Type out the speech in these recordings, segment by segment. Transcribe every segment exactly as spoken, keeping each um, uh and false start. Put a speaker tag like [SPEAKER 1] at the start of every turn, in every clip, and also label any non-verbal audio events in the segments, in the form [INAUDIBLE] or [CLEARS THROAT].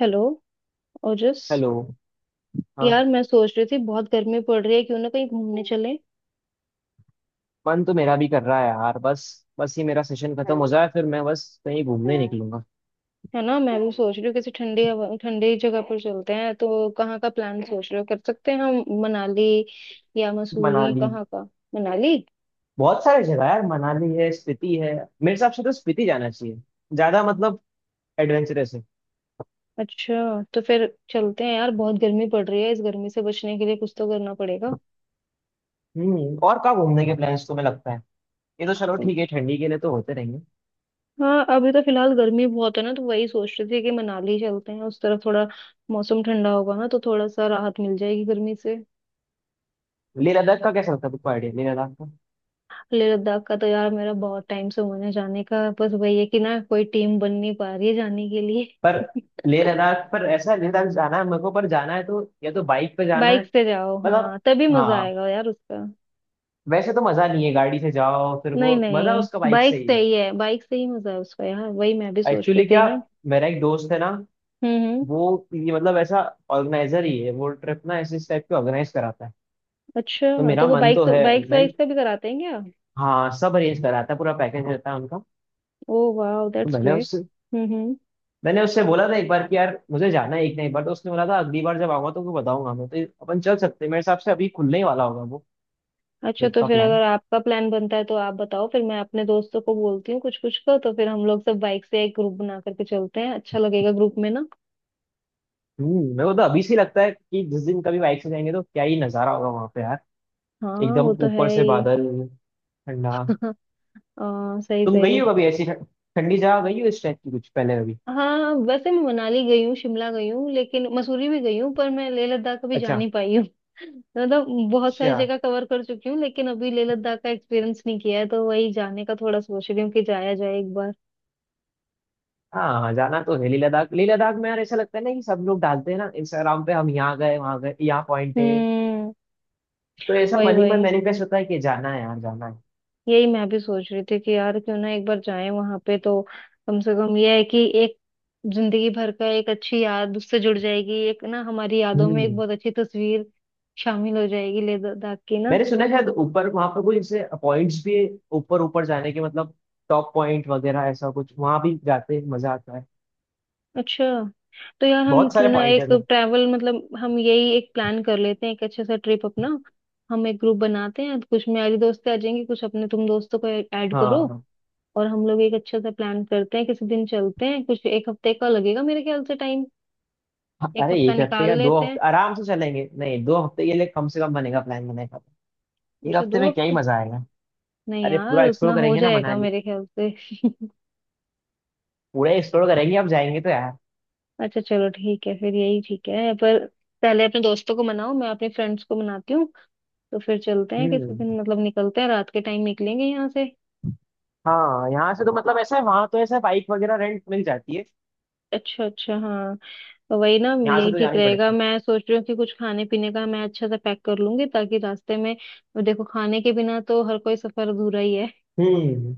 [SPEAKER 1] Hello Ojas.
[SPEAKER 2] Hello. हाँ।
[SPEAKER 1] यार मैं सोच रही थी बहुत गर्मी पड़ रही है, क्यों ना कहीं घूमने चले।
[SPEAKER 2] मन तो मेरा भी कर रहा है यार, बस बस ये मेरा सेशन खत्म हो जाए फिर मैं बस कहीं घूमने निकलूंगा।
[SPEAKER 1] है ना, मैं भी सोच रही हूँ किसी ठंडी हवा ठंडी जगह पर चलते हैं। तो कहाँ का प्लान सोच रहे हो? कर सकते हैं हम मनाली या मसूरी,
[SPEAKER 2] मनाली।
[SPEAKER 1] कहाँ का? मनाली।
[SPEAKER 2] बहुत सारे जगह है यार, मनाली है, स्पीति है। मेरे हिसाब से तो स्पीति जाना चाहिए, ज्यादा मतलब एडवेंचरस है।
[SPEAKER 1] अच्छा तो फिर चलते हैं यार, बहुत गर्मी पड़ रही है, इस गर्मी से बचने के लिए कुछ तो करना पड़ेगा।
[SPEAKER 2] हम्म और कहाँ घूमने के प्लान्स तुम्हें लगता है? ये तो चलो ठीक है, ठंडी के लिए तो होते रहेंगे।
[SPEAKER 1] हाँ अभी तो फिलहाल गर्मी बहुत है ना, तो वही सोच रही थी कि मनाली चलते हैं उस तरफ, थोड़ा मौसम ठंडा होगा ना तो थोड़ा सा राहत मिल जाएगी गर्मी से।
[SPEAKER 2] लेह लद्दाख का कैसा लगता है तुमको आइडिया, लेह लद्दाख का?
[SPEAKER 1] लेह लद्दाख का तो यार मेरा बहुत टाइम से होने जाने का है। बस वही है कि ना कोई टीम बन नहीं पा रही है जाने के
[SPEAKER 2] पर
[SPEAKER 1] लिए। [LAUGHS]
[SPEAKER 2] लेह लद्दाख पर ऐसा है, लेह लद्दाख जाना है मेरे को, पर जाना है तो या तो बाइक पे जाना है।
[SPEAKER 1] बाइक से जाओ,
[SPEAKER 2] मतलब
[SPEAKER 1] हाँ तभी मजा
[SPEAKER 2] हाँ,
[SPEAKER 1] आएगा यार उसका।
[SPEAKER 2] वैसे तो मजा नहीं है गाड़ी से जाओ, फिर वो
[SPEAKER 1] नहीं
[SPEAKER 2] मजा उसका
[SPEAKER 1] नहीं,
[SPEAKER 2] बाइक से
[SPEAKER 1] बाइक
[SPEAKER 2] ही
[SPEAKER 1] से
[SPEAKER 2] है।
[SPEAKER 1] ही है, बाइक से ही मजा है उसका यार, वही मैं भी सोच रही
[SPEAKER 2] एक्चुअली
[SPEAKER 1] थी
[SPEAKER 2] क्या,
[SPEAKER 1] ना।
[SPEAKER 2] मेरा एक दोस्त है ना,
[SPEAKER 1] हम्म हम्म।
[SPEAKER 2] वो, ये मतलब ऐसा, ऑर्गेनाइजर ही है वो, ट्रिप ना ऐसे इस टाइप के ऑर्गेनाइज कराता है। तो
[SPEAKER 1] अच्छा
[SPEAKER 2] मेरा
[SPEAKER 1] तो वो
[SPEAKER 2] मन
[SPEAKER 1] बाइक
[SPEAKER 2] तो
[SPEAKER 1] से
[SPEAKER 2] है।
[SPEAKER 1] बाइक
[SPEAKER 2] मैं,
[SPEAKER 1] वाइक से भी कराते हैं क्या?
[SPEAKER 2] हाँ सब अरेंज कराता है, पूरा पैकेज रहता है उनका।
[SPEAKER 1] ओ वाह,
[SPEAKER 2] तो
[SPEAKER 1] दैट्स
[SPEAKER 2] मैंने
[SPEAKER 1] ग्रेट।
[SPEAKER 2] उससे
[SPEAKER 1] हम्म हम्म।
[SPEAKER 2] मैंने उससे बोला था एक बार कि यार मुझे जाना है एक ना एक बार। तो उसने बोला था अगली बार जब आऊंगा तो मैं बताऊंगा। मैं तो, अपन चल सकते हैं मेरे हिसाब से, अभी खुलने ही वाला होगा वो
[SPEAKER 1] अच्छा
[SPEAKER 2] ट्रिप
[SPEAKER 1] तो
[SPEAKER 2] का
[SPEAKER 1] फिर
[SPEAKER 2] प्लान।
[SPEAKER 1] अगर आपका प्लान बनता है तो आप बताओ, फिर मैं अपने दोस्तों को बोलती हूँ कुछ, कुछ का तो फिर हम लोग सब बाइक से एक ग्रुप बना करके चलते हैं, अच्छा लगेगा ग्रुप में ना।
[SPEAKER 2] हम्म मेरे को तो अभी से ही लगता है कि जिस दिन कभी बाइक से जाएंगे तो क्या ही नजारा होगा वहां पे यार,
[SPEAKER 1] हाँ
[SPEAKER 2] एकदम
[SPEAKER 1] वो तो है
[SPEAKER 2] ऊपर से
[SPEAKER 1] ही।
[SPEAKER 2] बादल, ठंडा।
[SPEAKER 1] [LAUGHS] आ, सही
[SPEAKER 2] तुम गई
[SPEAKER 1] सही।
[SPEAKER 2] हो कभी ऐसी ठं- ठंडी जगह गई हो इस टाइप की कुछ पहले कभी?
[SPEAKER 1] हाँ वैसे मैं मनाली गई हूँ, शिमला गई हूँ, लेकिन मसूरी भी गई हूँ, पर मैं लेह लद्दाख कभी जा
[SPEAKER 2] अच्छा,
[SPEAKER 1] नहीं पाई हूँ। [LAUGHS] मतलब बहुत सारी
[SPEAKER 2] अच्छा।
[SPEAKER 1] जगह कवर कर चुकी हूँ लेकिन अभी लेह लद्दाख का एक्सपीरियंस नहीं किया है तो वही जाने का थोड़ा सोच रही हूँ कि जाया जाए एक बार।
[SPEAKER 2] हाँ, हाँ, जाना तो है लेह लद्दाख। लेह लद्दाख में यार ऐसा लगता है ना कि सब लोग डालते हैं ना इंस्टाग्राम पे, हम यहाँ गए वहाँ गए, यहाँ पॉइंट है।
[SPEAKER 1] हम्म।
[SPEAKER 2] तो ऐसा
[SPEAKER 1] वही
[SPEAKER 2] मन ही मन
[SPEAKER 1] वही,
[SPEAKER 2] मैनिफेस्ट होता है कि जाना है यार, जाना है।
[SPEAKER 1] यही मैं भी सोच रही थी कि यार क्यों ना एक बार जाएं वहां पे तो। कम से कम ये है कि एक जिंदगी भर का एक अच्छी याद उससे जुड़ जाएगी, एक ना हमारी यादों में एक
[SPEAKER 2] हम्म
[SPEAKER 1] बहुत अच्छी तस्वीर शामिल हो जाएगी लेह लद्दाख की ना।
[SPEAKER 2] मैंने सुना है शायद ऊपर वहाँ पर कुछ जैसे पॉइंट्स भी है, ऊपर ऊपर जाने के मतलब, टॉप पॉइंट वगैरह ऐसा कुछ वहाँ भी जाते हैं, मजा आता है,
[SPEAKER 1] अच्छा तो यार हम
[SPEAKER 2] बहुत
[SPEAKER 1] क्यों
[SPEAKER 2] सारे
[SPEAKER 1] ना
[SPEAKER 2] पॉइंट
[SPEAKER 1] एक
[SPEAKER 2] है उधर।
[SPEAKER 1] ट्रैवल मतलब हम यही एक प्लान कर लेते हैं, एक अच्छे सा ट्रिप अपना। हम एक ग्रुप बनाते हैं, कुछ मेरी दोस्तें आ जाएंगी, कुछ अपने तुम दोस्तों को ऐड करो,
[SPEAKER 2] हाँ,
[SPEAKER 1] और हम लोग एक अच्छा सा प्लान करते हैं, किसी दिन चलते हैं, कुछ एक हफ्ते का लगेगा मेरे ख्याल से टाइम।
[SPEAKER 2] हाँ,
[SPEAKER 1] एक
[SPEAKER 2] अरे
[SPEAKER 1] हफ्ता
[SPEAKER 2] एक हफ्ते या
[SPEAKER 1] निकाल
[SPEAKER 2] दो
[SPEAKER 1] लेते हैं।
[SPEAKER 2] हफ्ते आराम से चलेंगे, नहीं दो हफ्ते के लिए कम से कम बनेगा, प्लान बनेगा। एक
[SPEAKER 1] अच्छा
[SPEAKER 2] हफ्ते
[SPEAKER 1] दो
[SPEAKER 2] में क्या ही
[SPEAKER 1] हफ्ते,
[SPEAKER 2] मजा आएगा।
[SPEAKER 1] नहीं
[SPEAKER 2] अरे पूरा
[SPEAKER 1] यार
[SPEAKER 2] एक्सप्लोर
[SPEAKER 1] उतना हो
[SPEAKER 2] करेंगे ना
[SPEAKER 1] जाएगा
[SPEAKER 2] मनाली,
[SPEAKER 1] मेरे ख्याल से। [LAUGHS]
[SPEAKER 2] पूरा एक्सप्लोर करेंगे अब जाएंगे तो यार।
[SPEAKER 1] अच्छा चलो ठीक है, फिर यही ठीक है, पर पहले अपने दोस्तों को मनाओ, मैं अपने फ्रेंड्स को मनाती हूँ, तो फिर चलते हैं किसी
[SPEAKER 2] हम्म,
[SPEAKER 1] दिन, मतलब निकलते हैं, रात के टाइम निकलेंगे यहाँ से।
[SPEAKER 2] हाँ यहाँ से तो मतलब ऐसा है, वहां तो ऐसा है बाइक वगैरह रेंट मिल जाती है,
[SPEAKER 1] अच्छा अच्छा, हाँ तो वही ना,
[SPEAKER 2] यहाँ से
[SPEAKER 1] यही
[SPEAKER 2] तो
[SPEAKER 1] ठीक
[SPEAKER 2] जानी
[SPEAKER 1] रहेगा।
[SPEAKER 2] पड़ेगी।
[SPEAKER 1] मैं सोच रही हूँ कि कुछ खाने पीने का मैं अच्छा सा पैक कर लूंगी ताकि रास्ते में, अब देखो, खाने के बिना तो हर कोई सफर अधूरा ही है।
[SPEAKER 2] हम्म।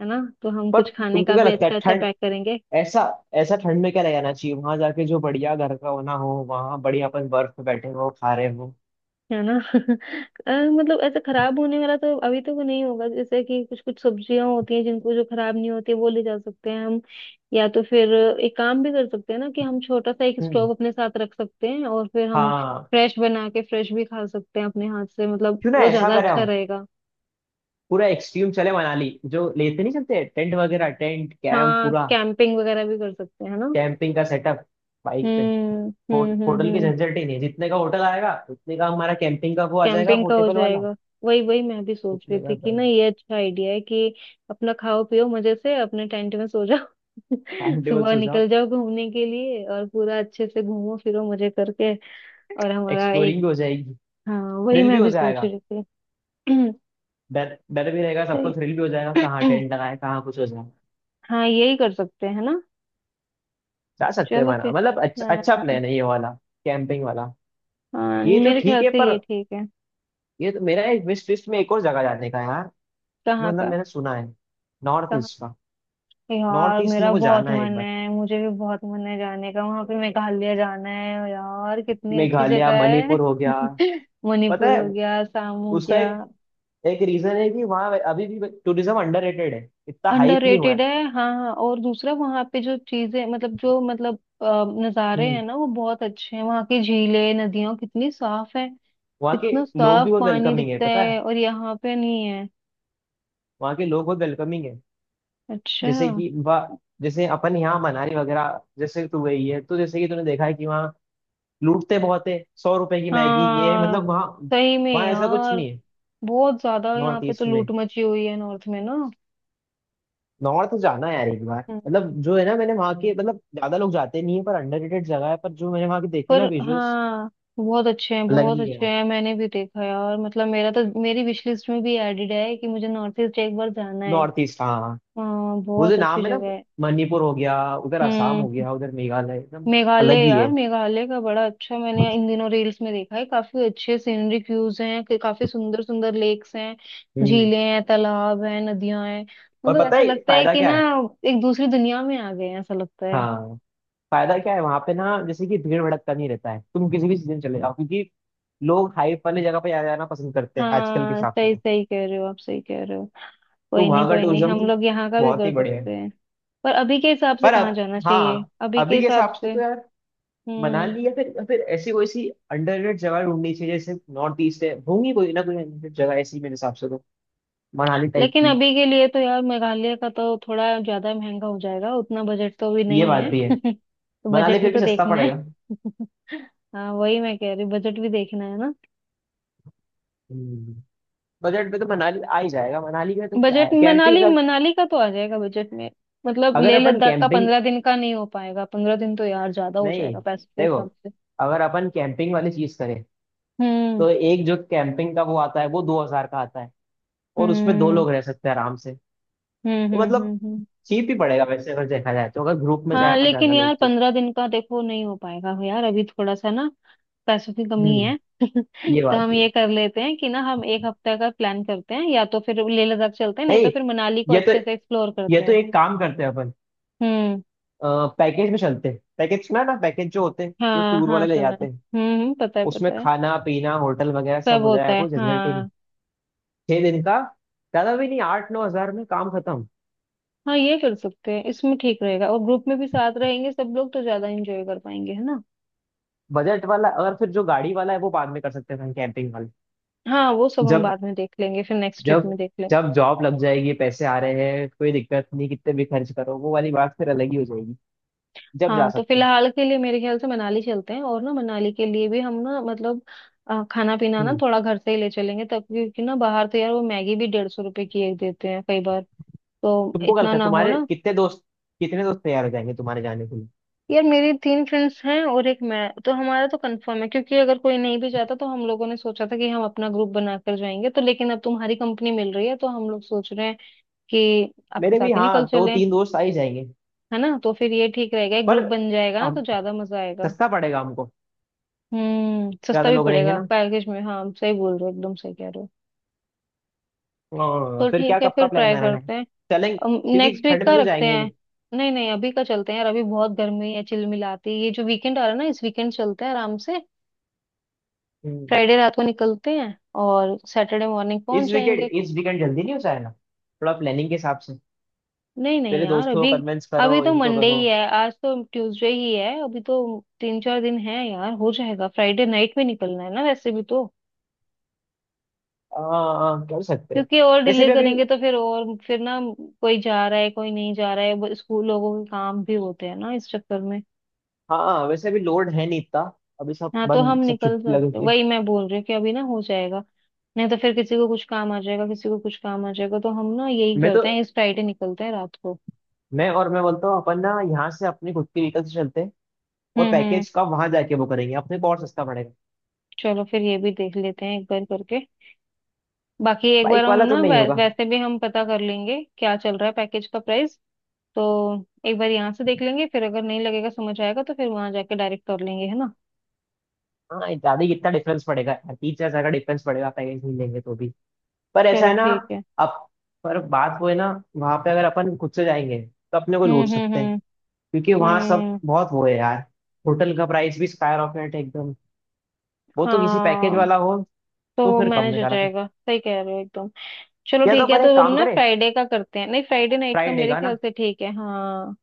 [SPEAKER 1] है ना, तो हम
[SPEAKER 2] पर
[SPEAKER 1] कुछ खाने
[SPEAKER 2] तुमको
[SPEAKER 1] का
[SPEAKER 2] क्या
[SPEAKER 1] भी
[SPEAKER 2] लगता है
[SPEAKER 1] अच्छा अच्छा
[SPEAKER 2] ठंड,
[SPEAKER 1] पैक करेंगे।
[SPEAKER 2] ऐसा ऐसा ठंड में क्या ले जाना चाहिए वहां जाके, जो बढ़िया घर का होना हो, वहां बढ़िया अपन बर्फ पे बैठे हो खा रहे हो।
[SPEAKER 1] है ना। [LAUGHS] अ, मतलब ऐसा खराब होने वाला तो अभी तो वो नहीं होगा, जैसे कि कुछ कुछ सब्जियां होती हैं जिनको, जो खराब नहीं होती है वो ले जा सकते हैं हम। या तो फिर एक काम भी कर सकते हैं ना कि हम छोटा सा एक स्टोव
[SPEAKER 2] हम्म,
[SPEAKER 1] अपने साथ रख सकते हैं और फिर हम
[SPEAKER 2] हाँ
[SPEAKER 1] फ्रेश बना के फ्रेश भी खा सकते हैं अपने हाथ से, मतलब
[SPEAKER 2] क्यों ना
[SPEAKER 1] वो
[SPEAKER 2] ऐसा
[SPEAKER 1] ज्यादा
[SPEAKER 2] करें
[SPEAKER 1] अच्छा
[SPEAKER 2] हम,
[SPEAKER 1] रहेगा।
[SPEAKER 2] पूरा एक्सट्रीम चले मनाली, जो लेते नहीं चलते टेंट वगैरह, टेंट कैंप
[SPEAKER 1] हाँ
[SPEAKER 2] पूरा,
[SPEAKER 1] कैंपिंग वगैरह भी कर सकते हैं ना।
[SPEAKER 2] कैंपिंग का सेटअप बाइक पे।
[SPEAKER 1] हम्म
[SPEAKER 2] हो,
[SPEAKER 1] हम्म हम्म
[SPEAKER 2] होटल की
[SPEAKER 1] हम्म।
[SPEAKER 2] झंझट ही नहीं है, जितने का होटल आएगा उतने का हमारा कैंपिंग का वो आ जाएगा,
[SPEAKER 1] कैंपिंग का हो
[SPEAKER 2] पोर्टेबल वाला।
[SPEAKER 1] जाएगा। वही वही मैं भी सोच रही
[SPEAKER 2] उतने
[SPEAKER 1] थी
[SPEAKER 2] का,
[SPEAKER 1] कि ना, ये अच्छा आइडिया है कि अपना खाओ पियो मजे से, अपने टेंट में सो जाओ।
[SPEAKER 2] टाइम
[SPEAKER 1] [LAUGHS]
[SPEAKER 2] टेबल
[SPEAKER 1] सुबह
[SPEAKER 2] सोचा,
[SPEAKER 1] निकल जाओ घूमने के लिए और पूरा अच्छे से घूमो फिरो मजे करके। और हमारा
[SPEAKER 2] एक्सप्लोरिंग
[SPEAKER 1] एक,
[SPEAKER 2] भी हो जाएगी,
[SPEAKER 1] हाँ वही
[SPEAKER 2] थ्रिल भी
[SPEAKER 1] मैं
[SPEAKER 2] हो
[SPEAKER 1] भी सोच
[SPEAKER 2] जाएगा।
[SPEAKER 1] रही थी। [CLEARS THROAT]
[SPEAKER 2] डर डर भी रहेगा
[SPEAKER 1] तो,
[SPEAKER 2] सबको, थ्रिल भी हो जाएगा, कहाँ
[SPEAKER 1] [CLEARS THROAT]
[SPEAKER 2] टेंट लगाए कहाँ कुछ हो जाए।
[SPEAKER 1] हाँ यही कर सकते हैं ना।
[SPEAKER 2] जा सकते हैं
[SPEAKER 1] चलो
[SPEAKER 2] माना,
[SPEAKER 1] फिर।
[SPEAKER 2] मतलब अच्छा, अच्छा
[SPEAKER 1] हाँ
[SPEAKER 2] प्लान है ये वाला, कैंपिंग वाला।
[SPEAKER 1] हाँ,
[SPEAKER 2] ये तो
[SPEAKER 1] मेरे
[SPEAKER 2] ठीक
[SPEAKER 1] ख्याल
[SPEAKER 2] है,
[SPEAKER 1] से
[SPEAKER 2] पर
[SPEAKER 1] ये ठीक है।
[SPEAKER 2] ये तो मेरा एक विश लिस्ट में एक और जगह जाने का है यार। जो
[SPEAKER 1] कहाँ
[SPEAKER 2] मतलब
[SPEAKER 1] का?
[SPEAKER 2] मैंने सुना है, नॉर्थ ईस्ट का। नॉर्थ
[SPEAKER 1] यार
[SPEAKER 2] ईस्ट मेरे
[SPEAKER 1] मेरा
[SPEAKER 2] को
[SPEAKER 1] बहुत
[SPEAKER 2] जाना है एक
[SPEAKER 1] मन
[SPEAKER 2] बार,
[SPEAKER 1] है, मुझे भी बहुत मन है जाने का वहां पे, मेघालय जाना है यार, कितनी अच्छी
[SPEAKER 2] मेघालय,
[SPEAKER 1] जगह है।
[SPEAKER 2] मणिपुर हो गया।
[SPEAKER 1] [LAUGHS] मणिपुर
[SPEAKER 2] पता है,
[SPEAKER 1] हो गया, असम हो
[SPEAKER 2] उसका
[SPEAKER 1] गया।
[SPEAKER 2] एक एक रीजन है कि वहाँ अभी भी टूरिज्म अंडररेटेड है, इतना हाइप नहीं हुआ
[SPEAKER 1] अंडररेटेड
[SPEAKER 2] है।
[SPEAKER 1] है, हाँ हाँ, और दूसरा वहां पे जो चीजें मतलब, जो मतलब अ, नजारे
[SPEAKER 2] हम्म।
[SPEAKER 1] हैं ना वो बहुत अच्छे हैं, वहां की झीलें नदियां कितनी साफ है,
[SPEAKER 2] वहाँ के
[SPEAKER 1] कितना
[SPEAKER 2] लोग भी
[SPEAKER 1] साफ
[SPEAKER 2] बहुत
[SPEAKER 1] पानी
[SPEAKER 2] वेलकमिंग है,
[SPEAKER 1] दिखता
[SPEAKER 2] पता
[SPEAKER 1] है
[SPEAKER 2] है,
[SPEAKER 1] और यहाँ पे नहीं है।
[SPEAKER 2] वहाँ के लोग बहुत वेलकमिंग है।
[SPEAKER 1] अच्छा,
[SPEAKER 2] जैसे कि वह, जैसे अपन यहाँ मनाली वगैरह जैसे तू गई है, तो जैसे कि तूने देखा है कि वहाँ लूटते बहुत है, सौ रुपए की मैगी। ये
[SPEAKER 1] हाँ
[SPEAKER 2] मतलब वहाँ,
[SPEAKER 1] सही में
[SPEAKER 2] वहाँ ऐसा कुछ
[SPEAKER 1] यार,
[SPEAKER 2] नहीं है।
[SPEAKER 1] बहुत ज्यादा यहाँ
[SPEAKER 2] नॉर्थ
[SPEAKER 1] पे तो
[SPEAKER 2] ईस्ट में,
[SPEAKER 1] लूट मची हुई है नॉर्थ में।
[SPEAKER 2] नॉर्थ जाना है यार एक बार।
[SPEAKER 1] ना,
[SPEAKER 2] मतलब जो है ना, मैंने वहाँ के मतलब, ज्यादा लोग जाते नहीं है पर अंडररेटेड जगह है, पर जो मैंने वहाँ के देखे
[SPEAKER 1] पर
[SPEAKER 2] ना विजुअल्स,
[SPEAKER 1] हाँ बहुत अच्छे हैं,
[SPEAKER 2] अलग
[SPEAKER 1] बहुत
[SPEAKER 2] ही
[SPEAKER 1] अच्छे
[SPEAKER 2] है।
[SPEAKER 1] हैं, मैंने भी देखा है और मतलब मेरा तो, मेरी विश लिस्ट में भी एडेड है कि मुझे नॉर्थ ईस्ट एक बार जाना है।
[SPEAKER 2] नॉर्थ ईस्ट, हाँ हाँ।
[SPEAKER 1] हाँ
[SPEAKER 2] वो जो
[SPEAKER 1] बहुत अच्छी
[SPEAKER 2] नाम है ना,
[SPEAKER 1] जगह है।
[SPEAKER 2] मणिपुर हो गया उधर, असम हो
[SPEAKER 1] हम्म।
[SPEAKER 2] गया उधर, मेघालय एकदम
[SPEAKER 1] मेघालय
[SPEAKER 2] अलग ही है।
[SPEAKER 1] यार, मेघालय का बड़ा अच्छा मैंने इन दिनों रील्स में देखा है, काफी अच्छे सीनरिक व्यूज हैं कि काफी सुंदर सुंदर लेक्स हैं,
[SPEAKER 2] हम्म
[SPEAKER 1] झीलें हैं, तालाब हैं, नदियां हैं,
[SPEAKER 2] और
[SPEAKER 1] मतलब
[SPEAKER 2] पता
[SPEAKER 1] ऐसा
[SPEAKER 2] है
[SPEAKER 1] लगता है
[SPEAKER 2] फायदा
[SPEAKER 1] कि
[SPEAKER 2] क्या
[SPEAKER 1] ना
[SPEAKER 2] है?
[SPEAKER 1] एक दूसरी दुनिया में आ गए हैं, ऐसा लगता है।
[SPEAKER 2] हाँ, फायदा क्या है वहां पे ना, जैसे कि भीड़ भड़कता नहीं रहता है, तुम किसी भी सीजन चले जाओ, क्योंकि लोग हाइप वाली जगह पे जाना पसंद करते हैं आजकल के
[SPEAKER 1] हाँ
[SPEAKER 2] हिसाब से
[SPEAKER 1] सही
[SPEAKER 2] तो।
[SPEAKER 1] सही कह रहे हो, आप सही कह रहे हो।
[SPEAKER 2] तो
[SPEAKER 1] कोई नहीं
[SPEAKER 2] वहां का
[SPEAKER 1] कोई नहीं,
[SPEAKER 2] टूरिज्म
[SPEAKER 1] हम
[SPEAKER 2] तो
[SPEAKER 1] लोग यहाँ का भी
[SPEAKER 2] बहुत
[SPEAKER 1] कर
[SPEAKER 2] ही बढ़िया है।
[SPEAKER 1] सकते हैं। पर अभी के हिसाब से
[SPEAKER 2] पर
[SPEAKER 1] कहाँ
[SPEAKER 2] अब,
[SPEAKER 1] जाना चाहिए,
[SPEAKER 2] हाँ
[SPEAKER 1] अभी के
[SPEAKER 2] अभी के
[SPEAKER 1] हिसाब
[SPEAKER 2] हिसाब से
[SPEAKER 1] से?
[SPEAKER 2] तो यार,
[SPEAKER 1] हम्म।
[SPEAKER 2] मनाली या फिर या फिर ऐसी कोई सी अंडररेटेड जगह ढूंढनी चाहिए, जैसे नॉर्थ ईस्ट है, होंगी कोई ना कोई अंडररेटेड जगह ऐसी मेरे हिसाब से तो, मनाली टाइप
[SPEAKER 1] लेकिन
[SPEAKER 2] की।
[SPEAKER 1] अभी के लिए तो यार मेघालय का तो थोड़ा ज्यादा महंगा हो जाएगा, उतना बजट तो अभी
[SPEAKER 2] ये
[SPEAKER 1] नहीं
[SPEAKER 2] बात
[SPEAKER 1] है।
[SPEAKER 2] भी है,
[SPEAKER 1] [LAUGHS] तो
[SPEAKER 2] मनाली
[SPEAKER 1] बजट भी
[SPEAKER 2] फिर भी
[SPEAKER 1] तो
[SPEAKER 2] सस्ता
[SPEAKER 1] देखना है।
[SPEAKER 2] पड़ेगा।
[SPEAKER 1] [LAUGHS] हाँ वही मैं कह रही हूँ, बजट भी देखना है ना।
[SPEAKER 2] हम्म, बजट में तो मनाली आ ही जाएगा। मनाली में तो क्या
[SPEAKER 1] बजट
[SPEAKER 2] है, कैंपिंग
[SPEAKER 1] मनाली,
[SPEAKER 2] अगर
[SPEAKER 1] मनाली का तो आ जाएगा बजट में। मतलब
[SPEAKER 2] अगर
[SPEAKER 1] लेह
[SPEAKER 2] अपन
[SPEAKER 1] लद्दाख का
[SPEAKER 2] कैंपिंग
[SPEAKER 1] पंद्रह दिन का नहीं हो पाएगा, पंद्रह दिन तो यार ज्यादा हो
[SPEAKER 2] नहीं,
[SPEAKER 1] जाएगा पैसे के
[SPEAKER 2] देखो
[SPEAKER 1] हिसाब से।
[SPEAKER 2] अगर अपन कैंपिंग वाली चीज करें,
[SPEAKER 1] हम्म
[SPEAKER 2] तो एक जो कैंपिंग का वो आता है, वो दो हजार का आता है, और उसमें दो
[SPEAKER 1] हम्म
[SPEAKER 2] लोग रह सकते हैं आराम से।
[SPEAKER 1] हम्म
[SPEAKER 2] तो
[SPEAKER 1] हम्म।
[SPEAKER 2] मतलब
[SPEAKER 1] हम्म हम्म।
[SPEAKER 2] चीप ही पड़ेगा वैसे, अगर देखा जाए, तो अगर ग्रुप में
[SPEAKER 1] हाँ
[SPEAKER 2] जाए अपन,
[SPEAKER 1] लेकिन
[SPEAKER 2] ज्यादा
[SPEAKER 1] यार
[SPEAKER 2] लोग तो।
[SPEAKER 1] पंद्रह दिन का देखो नहीं हो पाएगा, हो यार अभी थोड़ा सा ना पैसों की कमी
[SPEAKER 2] हम्म।
[SPEAKER 1] है। [LAUGHS]
[SPEAKER 2] ये
[SPEAKER 1] तो
[SPEAKER 2] बात
[SPEAKER 1] हम
[SPEAKER 2] भी है।
[SPEAKER 1] ये कर लेते हैं कि ना हम एक हफ्ते का प्लान करते हैं, या तो फिर लेह लद्दाख चलते हैं नहीं तो
[SPEAKER 2] नहीं,
[SPEAKER 1] फिर मनाली को
[SPEAKER 2] ये तो
[SPEAKER 1] अच्छे से एक्सप्लोर
[SPEAKER 2] ये
[SPEAKER 1] करते
[SPEAKER 2] तो
[SPEAKER 1] हैं।
[SPEAKER 2] एक काम करते हैं अपन,
[SPEAKER 1] हम्म,
[SPEAKER 2] पैकेज में चलते हैं पैकेज में ना, पैकेज जो होते हैं जो
[SPEAKER 1] हाँ
[SPEAKER 2] टूर
[SPEAKER 1] हाँ
[SPEAKER 2] वाले ले
[SPEAKER 1] सुना है।
[SPEAKER 2] जाते हैं,
[SPEAKER 1] हम्म हम्म, पता है
[SPEAKER 2] उसमें
[SPEAKER 1] पता है।
[SPEAKER 2] खाना पीना होटल वगैरह
[SPEAKER 1] सब
[SPEAKER 2] सब हो
[SPEAKER 1] होता
[SPEAKER 2] जाएगा,
[SPEAKER 1] है
[SPEAKER 2] कोई झंझट ही नहीं,
[SPEAKER 1] हाँ।
[SPEAKER 2] छह दिन का, ज्यादा भी नहीं, आठ नौ हजार में काम खत्म।
[SPEAKER 1] हाँ ये कर सकते हैं, इसमें ठीक रहेगा और ग्रुप में भी साथ रहेंगे सब लोग तो ज्यादा एंजॉय कर पाएंगे है ना।
[SPEAKER 2] बजट वाला, और फिर जो गाड़ी वाला है वो बाद में कर सकते हैं, कैंपिंग वाले।
[SPEAKER 1] हाँ वो सब हम
[SPEAKER 2] जब
[SPEAKER 1] बाद में देख लेंगे, फिर नेक्स्ट ट्रिप
[SPEAKER 2] जब
[SPEAKER 1] में देख लेंगे।
[SPEAKER 2] जब जॉब लग जाएगी, पैसे आ रहे हैं, कोई दिक्कत नहीं, कितने भी खर्च करो, वो वाली बात फिर अलग ही हो जाएगी, जब जा
[SPEAKER 1] हाँ तो
[SPEAKER 2] सकते हैं।
[SPEAKER 1] फिलहाल के लिए मेरे ख्याल से मनाली चलते हैं और ना मनाली के लिए भी हम ना, मतलब अ, खाना पीना ना
[SPEAKER 2] हम्म
[SPEAKER 1] थोड़ा घर से ही ले चलेंगे तब, क्योंकि ना बाहर तो यार वो मैगी भी डेढ़ सौ रुपए की एक देते हैं कई बार, तो
[SPEAKER 2] तुमको कल
[SPEAKER 1] इतना
[SPEAKER 2] का,
[SPEAKER 1] ना हो
[SPEAKER 2] तुम्हारे
[SPEAKER 1] ना।
[SPEAKER 2] कितने दोस्त कितने दोस्त तैयार हो जाएंगे तुम्हारे जाने के लिए?
[SPEAKER 1] यार मेरी तीन फ्रेंड्स हैं और एक मैं, तो हमारा तो कंफर्म है, क्योंकि अगर कोई नहीं भी जाता तो हम लोगों ने सोचा था कि हम अपना ग्रुप बनाकर जाएंगे, तो लेकिन अब तुम्हारी कंपनी मिल रही है तो हम लोग सोच रहे हैं कि आपके
[SPEAKER 2] मेरे
[SPEAKER 1] साथ
[SPEAKER 2] भी
[SPEAKER 1] ही
[SPEAKER 2] हाँ,
[SPEAKER 1] निकल
[SPEAKER 2] दो
[SPEAKER 1] चलें।
[SPEAKER 2] तीन दोस्त आ ही जाएंगे।
[SPEAKER 1] है ना, तो फिर ये ठीक रहेगा, एक
[SPEAKER 2] पर
[SPEAKER 1] ग्रुप बन जाएगा ना तो
[SPEAKER 2] हम,
[SPEAKER 1] ज्यादा मजा आएगा।
[SPEAKER 2] सस्ता पड़ेगा हमको,
[SPEAKER 1] हम्म, सस्ता
[SPEAKER 2] ज्यादा
[SPEAKER 1] भी
[SPEAKER 2] लोग रहेंगे
[SPEAKER 1] पड़ेगा
[SPEAKER 2] ना।
[SPEAKER 1] पैकेज में, हाँ आप सही बोल रहे हो, एकदम सही कह रहे हो।
[SPEAKER 2] हाँ,
[SPEAKER 1] तो
[SPEAKER 2] फिर क्या,
[SPEAKER 1] ठीक है
[SPEAKER 2] कब
[SPEAKER 1] फिर,
[SPEAKER 2] का प्लान
[SPEAKER 1] ट्राई
[SPEAKER 2] बनाना है,
[SPEAKER 1] करते
[SPEAKER 2] चलेंगे
[SPEAKER 1] हैं।
[SPEAKER 2] क्योंकि
[SPEAKER 1] नेक्स्ट
[SPEAKER 2] ठंड
[SPEAKER 1] वीक का
[SPEAKER 2] में तो
[SPEAKER 1] रखते
[SPEAKER 2] जाएंगे नहीं।
[SPEAKER 1] हैं? नहीं नहीं अभी का चलते हैं यार, अभी बहुत गर्मी है चिलमिलाती, ये जो वीकेंड आ रहा है ना, इस वीकेंड चलते हैं आराम से।
[SPEAKER 2] हम्म,
[SPEAKER 1] फ्राइडे रात को निकलते हैं और सैटरडे मॉर्निंग
[SPEAKER 2] इस
[SPEAKER 1] पहुंच
[SPEAKER 2] वीकेंड
[SPEAKER 1] जाएंगे।
[SPEAKER 2] इस वीकेंड जल्दी नहीं हो जाएगा थोड़ा प्लानिंग के हिसाब से?
[SPEAKER 1] नहीं नहीं
[SPEAKER 2] पहले
[SPEAKER 1] यार,
[SPEAKER 2] दोस्तों को
[SPEAKER 1] अभी
[SPEAKER 2] कन्विंस करो,
[SPEAKER 1] अभी तो
[SPEAKER 2] इनको
[SPEAKER 1] मंडे
[SPEAKER 2] करो।
[SPEAKER 1] ही है, आज तो ट्यूसडे ही है अभी तो, तीन चार दिन है यार हो जाएगा, फ्राइडे नाइट में निकलना है ना वैसे भी तो,
[SPEAKER 2] हाँ, कर सकते हैं
[SPEAKER 1] क्योंकि और
[SPEAKER 2] वैसे
[SPEAKER 1] डिले
[SPEAKER 2] भी अभी,
[SPEAKER 1] करेंगे तो फिर, और फिर ना कोई जा रहा है कोई नहीं जा रहा है, वो स्कूल लोगों के काम भी होते हैं ना इस चक्कर में।
[SPEAKER 2] हाँ वैसे भी लोड है नहीं इतना, अभी सब
[SPEAKER 1] हाँ तो हम
[SPEAKER 2] बंद, सब
[SPEAKER 1] निकल
[SPEAKER 2] छुट्टी लग
[SPEAKER 1] सकते,
[SPEAKER 2] गई।
[SPEAKER 1] वही मैं बोल रही हूँ कि अभी ना हो जाएगा, नहीं तो फिर किसी को कुछ काम आ जाएगा किसी को कुछ काम आ जाएगा, तो हम ना यही
[SPEAKER 2] मैं तो,
[SPEAKER 1] करते हैं इस फ्राइडे निकलते हैं रात को।
[SPEAKER 2] मैं और मैं बोलता हूँ अपन ना, यहाँ से अपनी खुद की व्हीकल से चलते हैं। और
[SPEAKER 1] हम्म हम्म।
[SPEAKER 2] पैकेज का वहां जाके वो करेंगे, अपने को और सस्ता पड़ेगा।
[SPEAKER 1] चलो फिर, ये भी देख लेते हैं एक बार करके। बाकी एक बार
[SPEAKER 2] बाइक
[SPEAKER 1] हम
[SPEAKER 2] वाला
[SPEAKER 1] ना
[SPEAKER 2] तो नहीं
[SPEAKER 1] वै,
[SPEAKER 2] होगा।
[SPEAKER 1] वैसे भी हम पता कर लेंगे क्या चल रहा है पैकेज का प्राइस, तो एक बार यहाँ से देख लेंगे, फिर अगर नहीं लगेगा, समझ आएगा तो फिर वहां जाके डायरेक्ट कर लेंगे है ना।
[SPEAKER 2] हाँ, ज्यादा ही इतना डिफरेंस पड़ेगा यार, तीन चार हजार का डिफरेंस पड़ेगा पैकेज नहीं लेंगे तो भी। पर ऐसा
[SPEAKER 1] चलो
[SPEAKER 2] है ना,
[SPEAKER 1] ठीक है।
[SPEAKER 2] अब, पर बात वो है ना, वहां पे अगर अपन खुद से जाएंगे तो अपने को लूट
[SPEAKER 1] हम्म हम्म
[SPEAKER 2] सकते हैं,
[SPEAKER 1] हम्म
[SPEAKER 2] क्योंकि वहां सब
[SPEAKER 1] हम्म,
[SPEAKER 2] बहुत वो है यार, होटल का प्राइस भी स्काई रॉकेट है एकदम। वो तो किसी पैकेज
[SPEAKER 1] हाँ
[SPEAKER 2] वाला हो,
[SPEAKER 1] तो
[SPEAKER 2] तो
[SPEAKER 1] वो
[SPEAKER 2] फिर कम
[SPEAKER 1] मैनेज
[SPEAKER 2] में
[SPEAKER 1] हो
[SPEAKER 2] करा सकते।
[SPEAKER 1] जाएगा, सही कह रहे हो एकदम। चलो
[SPEAKER 2] या तो
[SPEAKER 1] ठीक है
[SPEAKER 2] अपन
[SPEAKER 1] तो
[SPEAKER 2] एक
[SPEAKER 1] हम
[SPEAKER 2] काम
[SPEAKER 1] ना
[SPEAKER 2] करें,
[SPEAKER 1] फ्राइडे का करते हैं, नहीं फ्राइडे नाइट का,
[SPEAKER 2] फ्राइडे
[SPEAKER 1] मेरे
[SPEAKER 2] का
[SPEAKER 1] ख्याल
[SPEAKER 2] ना,
[SPEAKER 1] से ठीक है हाँ।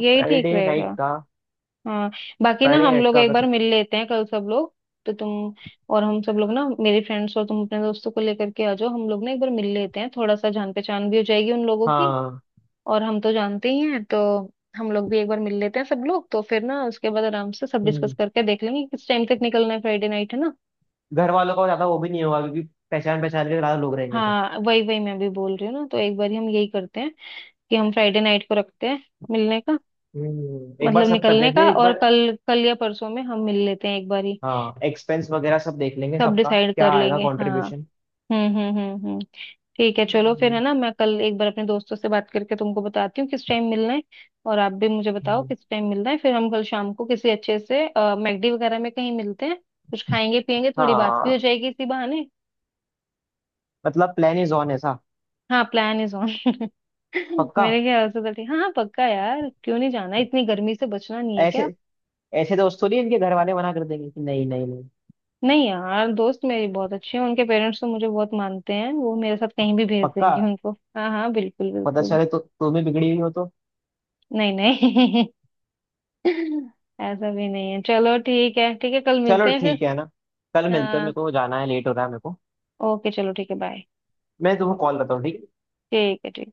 [SPEAKER 1] यही ठीक रहेगा।
[SPEAKER 2] नाइट का
[SPEAKER 1] हाँ। बाकी ना
[SPEAKER 2] फ्राइडे
[SPEAKER 1] हम
[SPEAKER 2] नाइट
[SPEAKER 1] लोग
[SPEAKER 2] का
[SPEAKER 1] एक
[SPEAKER 2] कर
[SPEAKER 1] बार
[SPEAKER 2] सकते।
[SPEAKER 1] मिल लेते हैं कल सब लोग, तो तुम और हम सब लोग ना, मेरे फ्रेंड्स और तुम अपने दोस्तों को लेकर के आ जाओ, हम लोग ना एक बार मिल लेते हैं, थोड़ा सा जान पहचान भी हो जाएगी उन लोगों की
[SPEAKER 2] हाँ।
[SPEAKER 1] और हम तो जानते ही हैं, तो हम लोग भी एक बार मिल लेते हैं सब लोग, तो फिर ना उसके बाद आराम से सब डिस्कस
[SPEAKER 2] हम्म।
[SPEAKER 1] करके देख लेंगे किस टाइम तक निकलना है, फ्राइडे नाइट है ना।
[SPEAKER 2] घर वालों का ज्यादा वो भी नहीं होगा, क्योंकि पहचान पहचान के ज्यादा लोग रहेंगे तो।
[SPEAKER 1] हाँ वही वही मैं भी बोल रही हूँ ना, तो एक बार हम यही करते हैं कि हम फ्राइडे नाइट को रखते हैं मिलने का,
[SPEAKER 2] हम्म एक बार
[SPEAKER 1] मतलब
[SPEAKER 2] सब कर
[SPEAKER 1] निकलने
[SPEAKER 2] लेते
[SPEAKER 1] का,
[SPEAKER 2] हैं एक
[SPEAKER 1] और
[SPEAKER 2] बार।
[SPEAKER 1] कल कल या परसों में हम मिल लेते हैं एक बार ही,
[SPEAKER 2] हाँ, एक्सपेंस वगैरह सब देख लेंगे,
[SPEAKER 1] सब
[SPEAKER 2] सबका
[SPEAKER 1] डिसाइड
[SPEAKER 2] क्या
[SPEAKER 1] कर
[SPEAKER 2] आएगा
[SPEAKER 1] लेंगे हाँ।
[SPEAKER 2] कंट्रीब्यूशन।
[SPEAKER 1] हम्म हम्म हम्म हम्म। ठीक है चलो फिर है ना, मैं कल एक बार अपने दोस्तों से बात करके तुमको बताती हूँ किस टाइम मिलना है, और आप भी मुझे बताओ किस टाइम मिलना है, फिर हम कल शाम को किसी अच्छे से मैगडी वगैरह में कहीं मिलते हैं, कुछ खाएंगे पियेंगे, थोड़ी बात भी
[SPEAKER 2] हाँ
[SPEAKER 1] हो जाएगी इसी बहाने।
[SPEAKER 2] मतलब, प्लान इज ऑन ऐसा।
[SPEAKER 1] हाँ प्लान इज ऑन। [LAUGHS]
[SPEAKER 2] पक्का।
[SPEAKER 1] मेरे ख्याल से तो ठीक, हाँ हाँ पक्का यार, क्यों नहीं जाना, इतनी गर्मी से बचना नहीं है
[SPEAKER 2] ऐसे
[SPEAKER 1] क्या।
[SPEAKER 2] ऐसे दोस्त थोड़ी इनके घर वाले मना कर देंगे कि नहीं, नहीं, नहीं।
[SPEAKER 1] नहीं यार दोस्त मेरी बहुत अच्छी है, उनके पेरेंट्स तो मुझे बहुत मानते हैं, वो मेरे साथ कहीं भी भेज
[SPEAKER 2] पक्का।
[SPEAKER 1] देंगे उनको। हाँ हाँ बिल्कुल
[SPEAKER 2] पता
[SPEAKER 1] बिल्कुल।
[SPEAKER 2] चले तो तुम भी बिगड़ी हुई हो तो।
[SPEAKER 1] नहीं नहीं। [LAUGHS] ऐसा भी नहीं है, चलो ठीक है ठीक है कल मिलते
[SPEAKER 2] चलो
[SPEAKER 1] हैं फिर।
[SPEAKER 2] ठीक है ना, कल मिलते हैं, मेरे
[SPEAKER 1] हाँ
[SPEAKER 2] को जाना है, लेट हो रहा है मेरे को।
[SPEAKER 1] ओके चलो ठीक है बाय।
[SPEAKER 2] मैं तुमको कॉल करता हूँ, ठीक है?
[SPEAKER 1] ठीक है ठीक।